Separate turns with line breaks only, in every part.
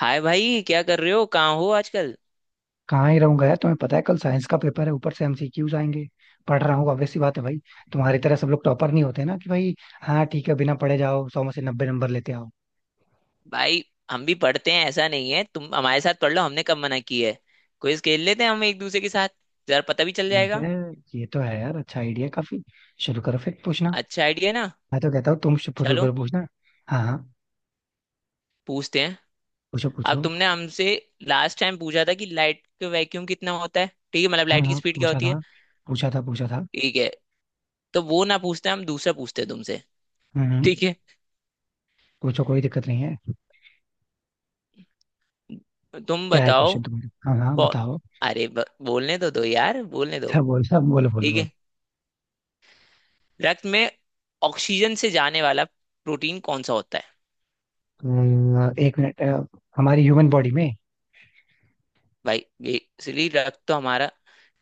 हाय भाई, क्या कर रहे हो? कहाँ हो आजकल?
कहाँ ही रहूंगा यार। तुम्हें पता है कल साइंस का पेपर है, ऊपर से एमसीक्यूज आएंगे। पढ़ रहा हूँ, obvious सी बात है भाई। तुम्हारी तरह सब लोग टॉपर नहीं होते ना कि भाई। हाँ ठीक है, बिना पढ़े जाओ सौ में से नब्बे नंबर लेते आओ।
भाई, हम भी पढ़ते हैं, ऐसा नहीं है। तुम हमारे साथ पढ़ लो, हमने कब मना की है। क्विज खेल लेते हैं हम एक दूसरे के साथ, जरा पता भी चल
ठीक
जाएगा।
है। ये तो है यार, अच्छा आइडिया काफी। शुरू करो फिर पूछना।
अच्छा आइडिया ना।
मैं तो कहता हूँ तुम शुरू
चलो
करो पूछना। हाँ हाँ।
पूछते हैं।
पूछो
अब
पूछो।
तुमने हमसे लास्ट टाइम पूछा था कि लाइट का वैक्यूम कितना होता है, ठीक है, मतलब
हाँ
लाइट की
हाँ,
स्पीड क्या
पूछा
होती है।
था, पूछा था पूछा था।
ठीक है, तो वो ना पूछते हैं, हम दूसरा पूछते हैं तुमसे।
हम्म हम्म,
ठीक है,
पूछो, कोई दिक्कत नहीं है।
तुम
क्या है
बताओ।
क्वेश्चन तुम्हारा? हाँ हाँ
पौ-
बताओ।
अरे ब- बोलने तो दो यार, बोलने दो।
अच्छा बोलो बोलो बोलो
ठीक
बोलो।
है, रक्त में ऑक्सीजन से जाने वाला प्रोटीन कौन सा होता है?
एक मिनट। हमारी ह्यूमन बॉडी में।
भाई बेसिकली रक्त तो हमारा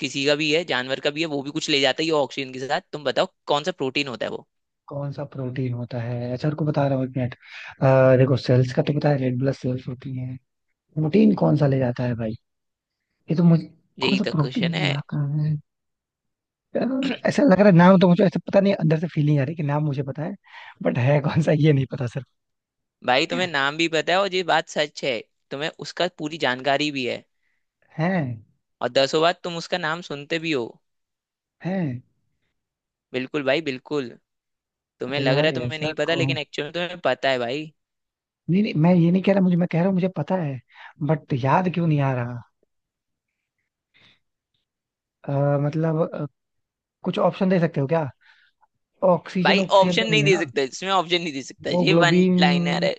किसी का भी है, जानवर का भी है, वो भी कुछ ले जाता है ये ऑक्सीजन के साथ। तुम बताओ, कौन सा प्रोटीन होता है वो?
कौन सा प्रोटीन होता है? अच्छा रुको बता रहा हूँ एक मिनट। देखो सेल्स का तो पता है, रेड ब्लड सेल्स होती है। प्रोटीन कौन सा ले जाता है भाई? ये तो मुझे। कौन
यही
सा
तो क्वेश्चन
प्रोटीन ले
है।
जाता है? यार, ऐसा लग रहा है नाम तो मुझे, ऐसा पता नहीं। अंदर से फीलिंग आ रही है कि नाम मुझे पता है, बट है कौन सा ये नहीं पता सिर्फ।
भाई, तुम्हें नाम भी पता है, और ये बात सच है। तुम्हें उसका पूरी जानकारी भी है,
है।
और दसों बार तुम उसका नाम सुनते भी हो।
है।
बिल्कुल भाई बिल्कुल। तुम्हें
अरे
लग रहा
यार
है तुम्हें
ऐसा
नहीं पता,
कौन।
लेकिन एक्चुअली तुम्हें पता है भाई।
नहीं नहीं, मैं ये नहीं कह रहा मुझे, मैं कह रहा हूँ मुझे पता है, बट याद क्यों नहीं आ रहा। मतलब कुछ ऑप्शन दे सकते हो क्या? ऑक्सीजन,
भाई
ऑक्सीजन तो
ऑप्शन
नहीं
नहीं
है
दे
ना?
सकता इसमें, ऑप्शन नहीं दे सकता, ये वन
हीमोग्लोबिन
लाइनर है।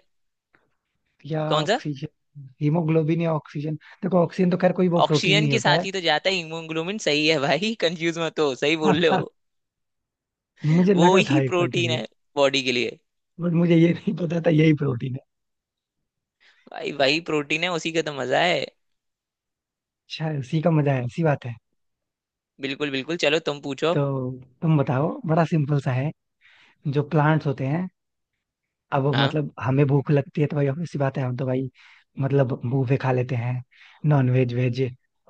या
कौन सा?
ऑक्सीजन हीमोग्लोबिन या ऑक्सीजन देखो ऑक्सीजन तो खैर कोई वो प्रोटीन
ऑक्सीजन
नहीं
के
होता
साथ
है।
ही तो जाता है हीमोग्लोबिन, सही है भाई, कंफ्यूज मत हो, सही बोल रहे हो।
मुझे
वो
लगा था
ही
एक पल के
प्रोटीन
लिए।
है बॉडी के लिए।
बट मुझे ये नहीं पता था यही प्रोटीन है।
भाई वही प्रोटीन है, उसी का तो मजा है।
शायद उसी का मजा है, उसी बात है।
बिल्कुल बिल्कुल, चलो तुम पूछो।
तो तुम बताओ, बड़ा सिंपल सा है। जो प्लांट्स होते हैं। अब
हाँ,
मतलब हमें भूख लगती है तो भाई obvious सी बात है, हम तो भाई मतलब बूफे खा लेते हैं, नॉन वेज वेज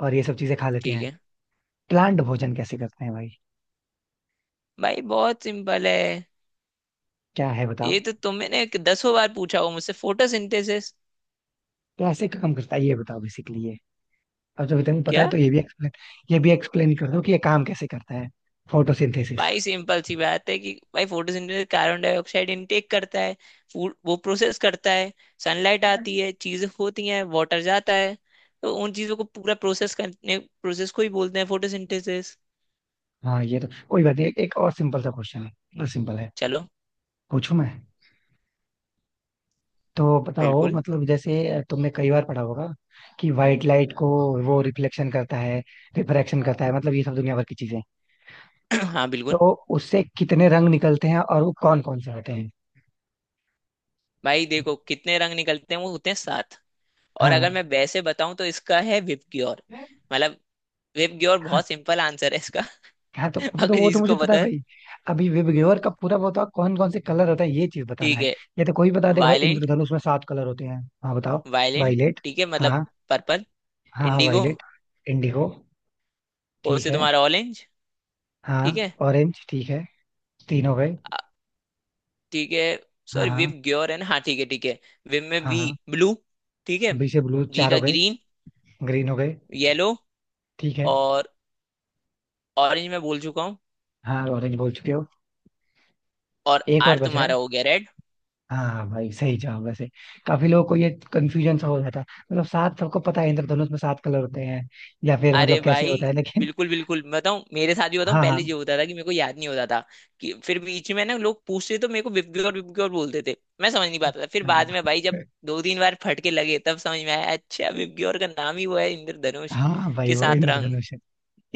और ये सब चीजें खा लेते
ठीक
हैं।
है।
प्लांट भोजन कैसे करते हैं भाई?
भाई बहुत सिंपल है,
क्या है
ये
बताओ।
तो तुमने दसों बार पूछा हो मुझसे, फोटोसिंथेसिस।
कैसे काम करता है ये बताओ बेसिकली। अब जब इतना पता है
क्या?
तो ये भी एक्सप्लेन कर दो कि ये काम कैसे करता है, फोटोसिंथेसिस।
भाई सिंपल सी बात है कि भाई, फोटोसिंथेसिस कार्बन डाइऑक्साइड इनटेक करता है, फूड वो प्रोसेस करता है। सनलाइट आती है, चीजें होती हैं, वाटर जाता है। तो उन चीजों को पूरा प्रोसेस करने, प्रोसेस को ही बोलते हैं फोटोसिंथेसिस।
हाँ ये तो कोई बात नहीं, एक एक और सिंपल सा क्वेश्चन है, बस सिंपल है।
चलो।
पूछूं मैं? तो बताओ,
बिल्कुल।
मतलब जैसे तुमने कई बार पढ़ा होगा कि व्हाइट लाइट को वो रिफ्लेक्शन करता है, रिफ्रैक्शन करता है, मतलब ये सब दुनिया भर की चीजें।
हाँ
तो
बिल्कुल।
उससे कितने रंग निकलते हैं और वो कौन कौन से होते हैं?
भाई देखो, कितने रंग निकलते हैं, वो होते हैं सात। और अगर
हाँ
मैं वैसे बताऊं तो इसका है विपग्योर। मतलब विपग्योर,
हाँ।
बहुत सिंपल आंसर है इसका।
हाँ
अगर
वो तो मुझे
जिसको
पता
पता
है
है।
भाई। अभी विवग्योर का पूरा वो था, कौन कौन से कलर होता है ये चीज बताना
ठीक
है।
है।
ये तो कोई बता देगा भाई,
वायलेंट।
इंद्रधनुष में सात कलर होते हैं। हाँ बताओ।
Violent,
violet.
ठीक है, मतलब
हाँ
पर्पल।
हाँ, हाँ
इंडिगो।
वायलेट। इंडिगो।
ओ
ठीक
से
है।
तुम्हारा ऑरेंज। ठीक
हाँ
है।
ऑरेंज ठीक है। तीन हो गए।
आ- ठीक है,
हाँ
सॉरी, विव
हाँ।
ग्योर है ना, हाँ, ठीक है ठीक है। विव में
हाँ
वी।
हाँ।
ब्लू। ठीक है।
बी से ब्लू,
जी
चार
का
हो गए।
ग्रीन।
ग्रीन हो गए।
येलो।
ठीक है।
और ऑरेंज मैं बोल चुका हूँ।
हाँ ऑरेंज बोल चुके हो।
और
एक
आर
और बच रहा
तुम्हारा
है।
हो गया रेड।
हाँ हाँ, भाई सही जवाब वैसे, काफी लोगों को ये कंफ्यूजन सा हो जाता है। मतलब सात सबको पता है इंद्रधनुष में सात कलर होते हैं, या फिर
अरे
मतलब कैसे
भाई,
होता है लेकिन।
बिल्कुल बिल्कुल, मैं बताऊं, मेरे साथ भी बताऊं,
हाँ
पहले ये
हाँ।
होता था कि मेरे को याद नहीं होता था। कि फिर बीच में ना लोग पूछते, तो मेरे को विव ग्योर बोलते थे, मैं समझ नहीं पाता था। फिर
क्या
बाद में भाई, जब
था?
दो तीन बार फटके लगे, तब समझ में आया, अच्छा विव ग्योर का नाम ही वो है इंद्रधनुष
हाँ भाई
के
वो
सात रंग।
इंद्रधनुष है।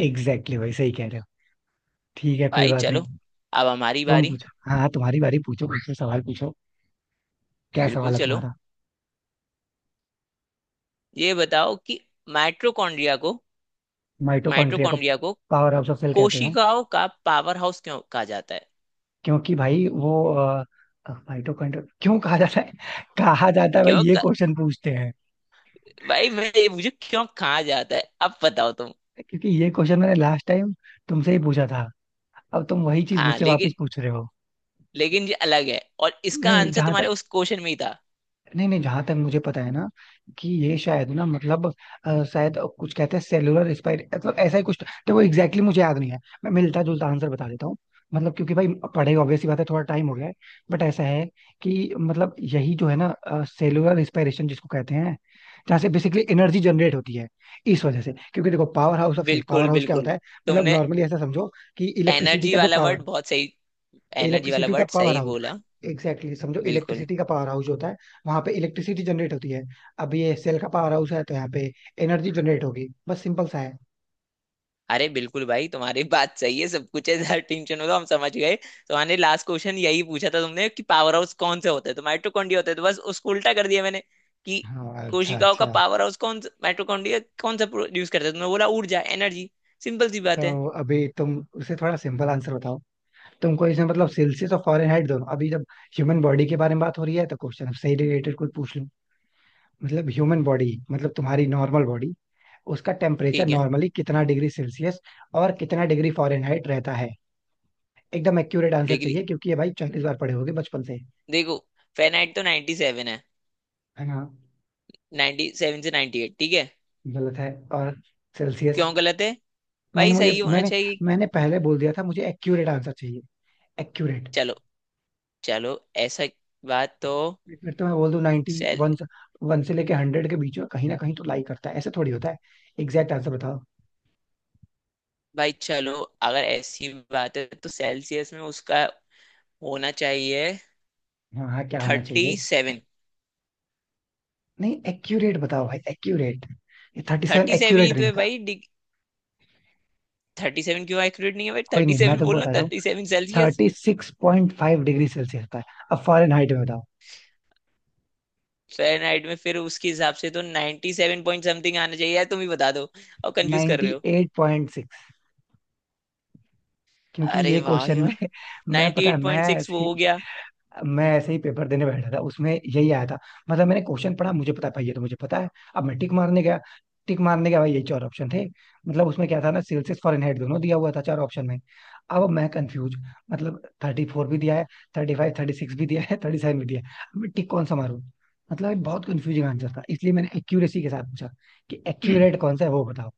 एग्जैक्टली भाई सही कह रहे हो। ठीक है कोई
भाई
बात
चलो,
नहीं।
अब हमारी
तुम
बारी।
पूछो। हाँ हाँ, तुम्हारी बारी, पूछो मुझसे सवाल पूछो। क्या
बिल्कुल
सवाल है
चलो,
तुम्हारा?
ये बताओ कि माइटोकॉन्ड्रिया को
माइटोकॉन्ड्रिया को
माइटोकॉन्ड्रिया को
पावर हाउस ऑफ सेल कहते हैं।
कोशिकाओं का पावर हाउस क्यों कहा जाता है?
क्योंकि भाई वो माइटोकॉन्ड्रिया क्यों कहा जाता है कहा जाता है भाई,
क्यों
ये
कहा-
क्वेश्चन पूछते हैं।
भाई मैं ये, मुझे क्यों कहा जाता है अब बताओ तुम।
क्योंकि ये क्वेश्चन मैंने लास्ट टाइम तुमसे ही पूछा था, अब तुम वही चीज
हाँ
मुझसे
लेकिन,
वापस पूछ रहे हो।
लेकिन ये अलग है, और इसका
नहीं
आंसर
जहां
तुम्हारे
तक।
उस क्वेश्चन में ही था।
नहीं नहीं, जहां तक मुझे पता है ना, कि ये शायद ना, मतलब शायद कुछ कहते हैं सेलुलर एक्सपायरी मतलब ऐसा ही कुछ, तो वो एग्जैक्टली exactly मुझे याद नहीं है, मैं मिलता जुलता आंसर बता देता हूँ। मतलब क्योंकि भाई पढ़े ऑब्वियस सी बात है, थोड़ा टाइम हो गया है। बट ऐसा है कि मतलब यही जो है ना सेलुलर रिस्पायरेशन जिसको कहते हैं, जहाँ से बेसिकली एनर्जी जनरेट होती है, इस वजह से। क्योंकि देखो power house of cell, power
बिल्कुल
हाउस क्या
बिल्कुल,
होता है? मतलब
तुमने
नॉर्मली ऐसा समझो कि इलेक्ट्रिसिटी
एनर्जी
का जो
वाला
पावर।
वर्ड बहुत सही, एनर्जी वाला
इलेक्ट्रिसिटी का
वर्ड
पावर
सही
हाउस,
बोला।
एग्जैक्टली exactly, समझो
बिल्कुल।
इलेक्ट्रिसिटी का पावर हाउस होता है, वहां पे इलेक्ट्रिसिटी जनरेट होती है। अब ये सेल का पावर हाउस है तो यहाँ पे एनर्जी जनरेट होगी, बस सिंपल सा है।
अरे बिल्कुल भाई, तुम्हारी बात सही है, सब कुछ है, ज्यादा टेंशन हो तो हम समझ गए। तुम्हारे लास्ट क्वेश्चन यही पूछा था तुमने, कि पावर हाउस कौन से होते हैं, तो माइटोकॉन्ड्रिया होते हैं, तो बस उसको उल्टा कर दिया मैंने। कि
हाँ अच्छा
कोशिकाओं का
अच्छा।
पावर हाउस कौन सा, माइटोकॉन्ड्रिया कौन सा प्रोड्यूस करता है, तो तुमने बोला ऊर्जा, एनर्जी। सिंपल सी बात है।
तो अभी तुम उसे थोड़ा सिंपल आंसर बताओ। तुमको इसमें मतलब सेल्सियस और फॉरेनहाइट दोनों, अभी जब ह्यूमन बॉडी के बारे में बात हो रही है तो क्वेश्चन से रिलेटेड कोई पूछ लूं। मतलब ह्यूमन बॉडी मतलब तुम्हारी नॉर्मल बॉडी, उसका टेम्परेचर
ठीक है
नॉर्मली कितना डिग्री सेल्सियस और कितना डिग्री फॉरेनहाइट रहता है? एकदम एक्यूरेट आंसर
लेकिन,
चाहिए, क्योंकि ये भाई चालीस बार पढ़े होगे बचपन से।
देखो, फेनाइट तो 97 है,
हाँ।
97 से 98, ठीक है।
गलत है। और सेल्सियस।
क्यों गलत है?
मैंने
भाई सही
मुझे
होना
मैंने
चाहिए।
मैंने पहले बोल दिया था मुझे एक्यूरेट आंसर चाहिए, एक्यूरेट।
चलो चलो, ऐसा, बात तो,
फिर तो मैं बोल दूं 91 वन। वन से लेके हंड्रेड के बीच में कहीं ना कहीं तो लाई करता है, ऐसे थोड़ी होता है। एग्जैक्ट आंसर बताओ।
भाई चलो, अगर ऐसी बात है तो सेल्सियस में उसका होना चाहिए
हाँ हाँ क्या होना
थर्टी
चाहिए?
सेवन।
नहीं एक्यूरेट बताओ भाई एक्यूरेट, ये थर्टी सेवन
थर्टी सेवन ही
एक्यूरेट
तो
नहीं
है
होता।
भाई, थर्टी सेवन क्यों एक्यूरेट नहीं है भाई,
कोई
थर्टी
नहीं, मैं
सेवन
तुमको
बोलना,
बताता हूँ,
thirty seven Celsius.
Thirty six point five degree Celsius होता है। अब फॉरेन हाइट में बताओ।
फ़ारेनहाइट में फिर उसके हिसाब से तो 97 सेवन पॉइंट समथिंग आना चाहिए, यार तुम ही बता दो, और कंफ्यूज कर रहे
नाइन्टी
हो।
Eight point six. क्योंकि
अरे
ये
वाह भाई
क्वेश्चन में
वाह,
मैं पता है
98.6, वो हो गया।
मैं ऐसे ही पेपर देने बैठा था उसमें यही आया था। मतलब मैंने क्वेश्चन पढ़ा, मुझे पता है भाई, ये तो मुझे पता है। अब मैं टिक मारने गया, टिक मारने गया भाई यही चार ऑप्शन थे। मतलब उसमें क्या था ना, सेल्सियस फॉरेनहाइट दोनों दिया हुआ था चार ऑप्शन में। अब मैं कंफ्यूज, मतलब थर्टी फोर भी दिया है, थर्टी फाइव, थर्टी सिक्स भी दिया है, थर्टी सेवन भी दिया है। अब मैं टिक कौन सा मारूं? मतलब ये बहुत कंफ्यूजिंग आंसर था, इसलिए मैंने एक्यूरेसी के साथ पूछा कि एक्यूरेट कौन सा है वो बताओ।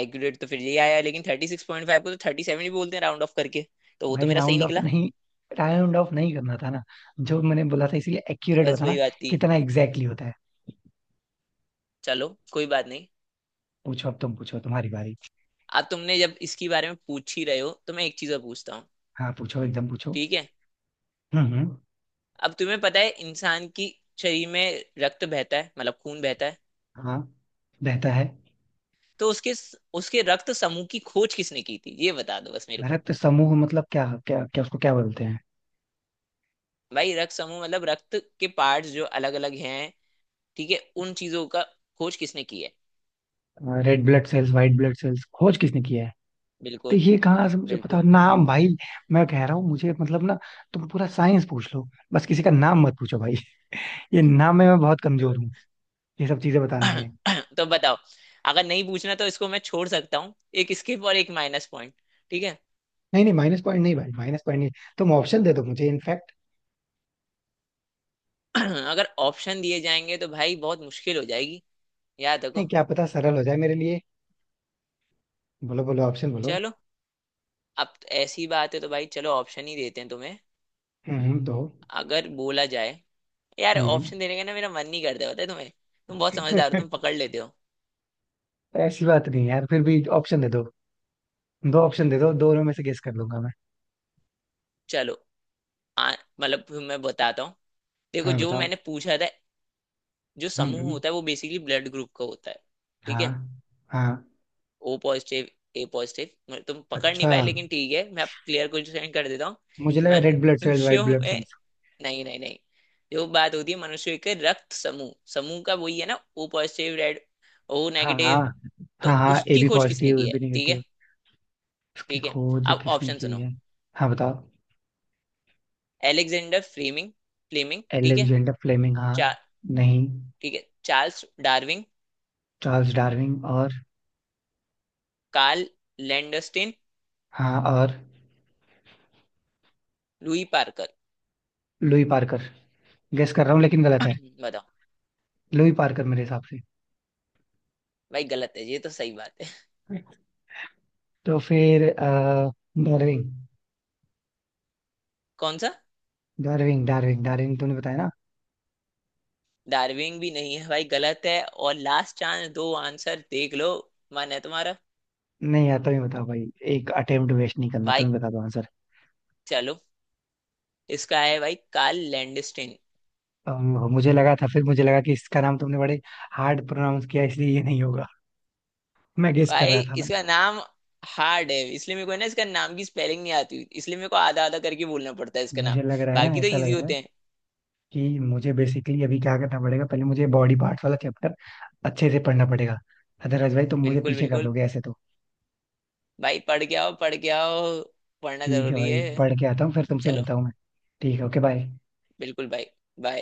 एक्यूरेट तो फिर यही आया, लेकिन 36.5 को तो 37 ही बोलते हैं राउंड ऑफ करके, तो वो तो
भाई
मेरा सही
राउंड ऑफ
निकला।
नहीं, राउंड ऑफ नहीं करना था ना जो मैंने बोला था, इसलिए एक्यूरेट
बस वही
बताना
बात थी।
कितना एग्जैक्टली होता है।
चलो, कोई बात नहीं।
पूछो, अब तुम पूछो तुम्हारी बारी।
अब तुमने जब इसके बारे में पूछ ही रहे हो, तो मैं एक चीज और पूछता हूँ।
हाँ पूछो एकदम पूछो।
ठीक है।
हम्म।
अब तुम्हें पता है, इंसान की शरीर में रक्त बहता है, मतलब खून बहता है।
हाँ। रहता है।
तो उसके, उसके रक्त समूह की खोज किसने की थी, ये बता दो बस मेरे को।
रक्त समूह मतलब क्या क्या क्या, उसको क्या बोलते हैं?
भाई रक्त समूह मतलब, रक्त के पार्ट्स जो अलग अलग हैं, ठीक है, उन चीजों का खोज किसने की है?
Red blood cells white blood cells खोज किसने किया है? तो
बिल्कुल
ये कहाँ से मुझे पता
बिल्कुल।
नाम भाई। मैं कह रहा हूँ मुझे मतलब ना, तुम पूरा साइंस पूछ लो बस किसी का नाम मत पूछो भाई। ये नाम में मैं बहुत कमजोर हूँ ये सब चीजें बताने में।
तो बताओ, अगर नहीं पूछना तो इसको मैं छोड़ सकता हूँ, एक स्किप और एक माइनस पॉइंट। ठीक है।
नहीं नहीं माइनस पॉइंट नहीं, भाई माइनस पॉइंट नहीं। तुम ऑप्शन दे दो मुझे इनफैक्ट।
अगर ऑप्शन दिए जाएंगे तो भाई बहुत मुश्किल हो जाएगी, याद रखो।
नहीं क्या पता सरल हो जाए मेरे लिए। बोलो बोलो ऑप्शन बोलो।
चलो, अब ऐसी बात है तो भाई चलो, ऑप्शन ही देते हैं तुम्हें।
दो।
अगर बोला जाए, यार
हम्म।
ऑप्शन देने का ना मेरा मन नहीं करता, पता है तुम्हें, तुम बहुत समझदार हो, तुम पकड़ लेते हो।
ऐसी बात नहीं यार, फिर भी ऑप्शन दे दो, दो ऑप्शन दे दो, दोनों में से गेस कर लूंगा मैं।
चलो। मतलब फिर मैं बताता हूँ। देखो,
हाँ
जो
बताओ।
मैंने पूछा था, जो
हम्म हम्म,
समूह
हम्म।
होता है, वो बेसिकली ब्लड ग्रुप का होता है। ठीक
हाँ।
है।
हाँ
ओ पॉजिटिव, ए पॉजिटिव, तुम पकड़ नहीं
अच्छा।
पाए, लेकिन ठीक है, मैं अब क्लियर क्वेश्चन कर देता हूँ।
मुझे लगा रेड ब्लड सेल्स व्हाइट
मनुष्यों
ब्लड
में
सेल्स।
नहीं नहीं नहीं, जो बात होती है मनुष्य के रक्त समूह समूह का, वही है ना, ओ पॉजिटिव, रेड, ओ
हाँ हाँ।
नेगेटिव। तो
हाँ हाँ, ए
उसकी
बी
खोज किसने
पॉजिटिव ए
की
बी
है, ठीक है?
नेगेटिव। इसकी
ठीक है,
खोज
अब
किसने
ऑप्शन
की
सुनो।
है? हाँ बताओ।
एलेक्जेंडर फ्लेमिंग, फ्लेमिंग, ठीक है।
एलेक्जेंडर फ्लेमिंग हाँ।
चा,
नहीं।
ठीक है, चार्ल्स डार्विन।
चार्ल्स डार्विन और।
Karl Landsteiner.
हाँ और।
Louis Parker.
Louis Parker. Guess कर रहा हूँ लेकिन गलत है।
बताओ।
लुई पार्कर मेरे हिसाब से।
भाई गलत है, ये तो सही बात है।
तो फिर डार्विन।
कौन सा?
डार्विन डार्विन, तुमने बताया ना।
डार्विन भी नहीं है भाई, गलत है, और लास्ट चांस, दो आंसर देख लो, मन है तुम्हारा।
नहीं यार, तुम्हें बताओ भाई, एक अटेम्प्ट वेस्ट नहीं करना,
भाई
तुम्हें बता दो आंसर।
चलो, इसका है भाई कार्ल लैंडस्टीन।
मुझे लगा था, फिर मुझे लगा कि इसका नाम तुमने बड़े हार्ड प्रोनाउंस किया इसलिए ये नहीं होगा, मैं गेस कर
भाई
रहा था ना।
इसका नाम हार्ड है, इसलिए मेरे को है ना, इसका नाम की स्पेलिंग नहीं आती, इसलिए मेरे को आधा आधा करके बोलना पड़ता है इसका नाम।
मुझे लग रहा है ना,
बाकी तो
ऐसा लग
इजी
रहा है
होते हैं।
कि मुझे बेसिकली अभी क्या करना पड़ेगा, पहले मुझे बॉडी पार्ट्स वाला चैप्टर अच्छे से पढ़ना पड़ेगा, अदरवाइज भाई तुम मुझे
बिल्कुल
पीछे कर
बिल्कुल।
दोगे ऐसे तो।
भाई पढ़ के आओ, पढ़ के आओ, पढ़ना
ठीक है
जरूरी
भाई,
है।
पढ़ के आता हूँ फिर तुमसे
चलो।
मिलता हूँ मैं। ठीक है, ओके बाय।
बिल्कुल भाई। बाय।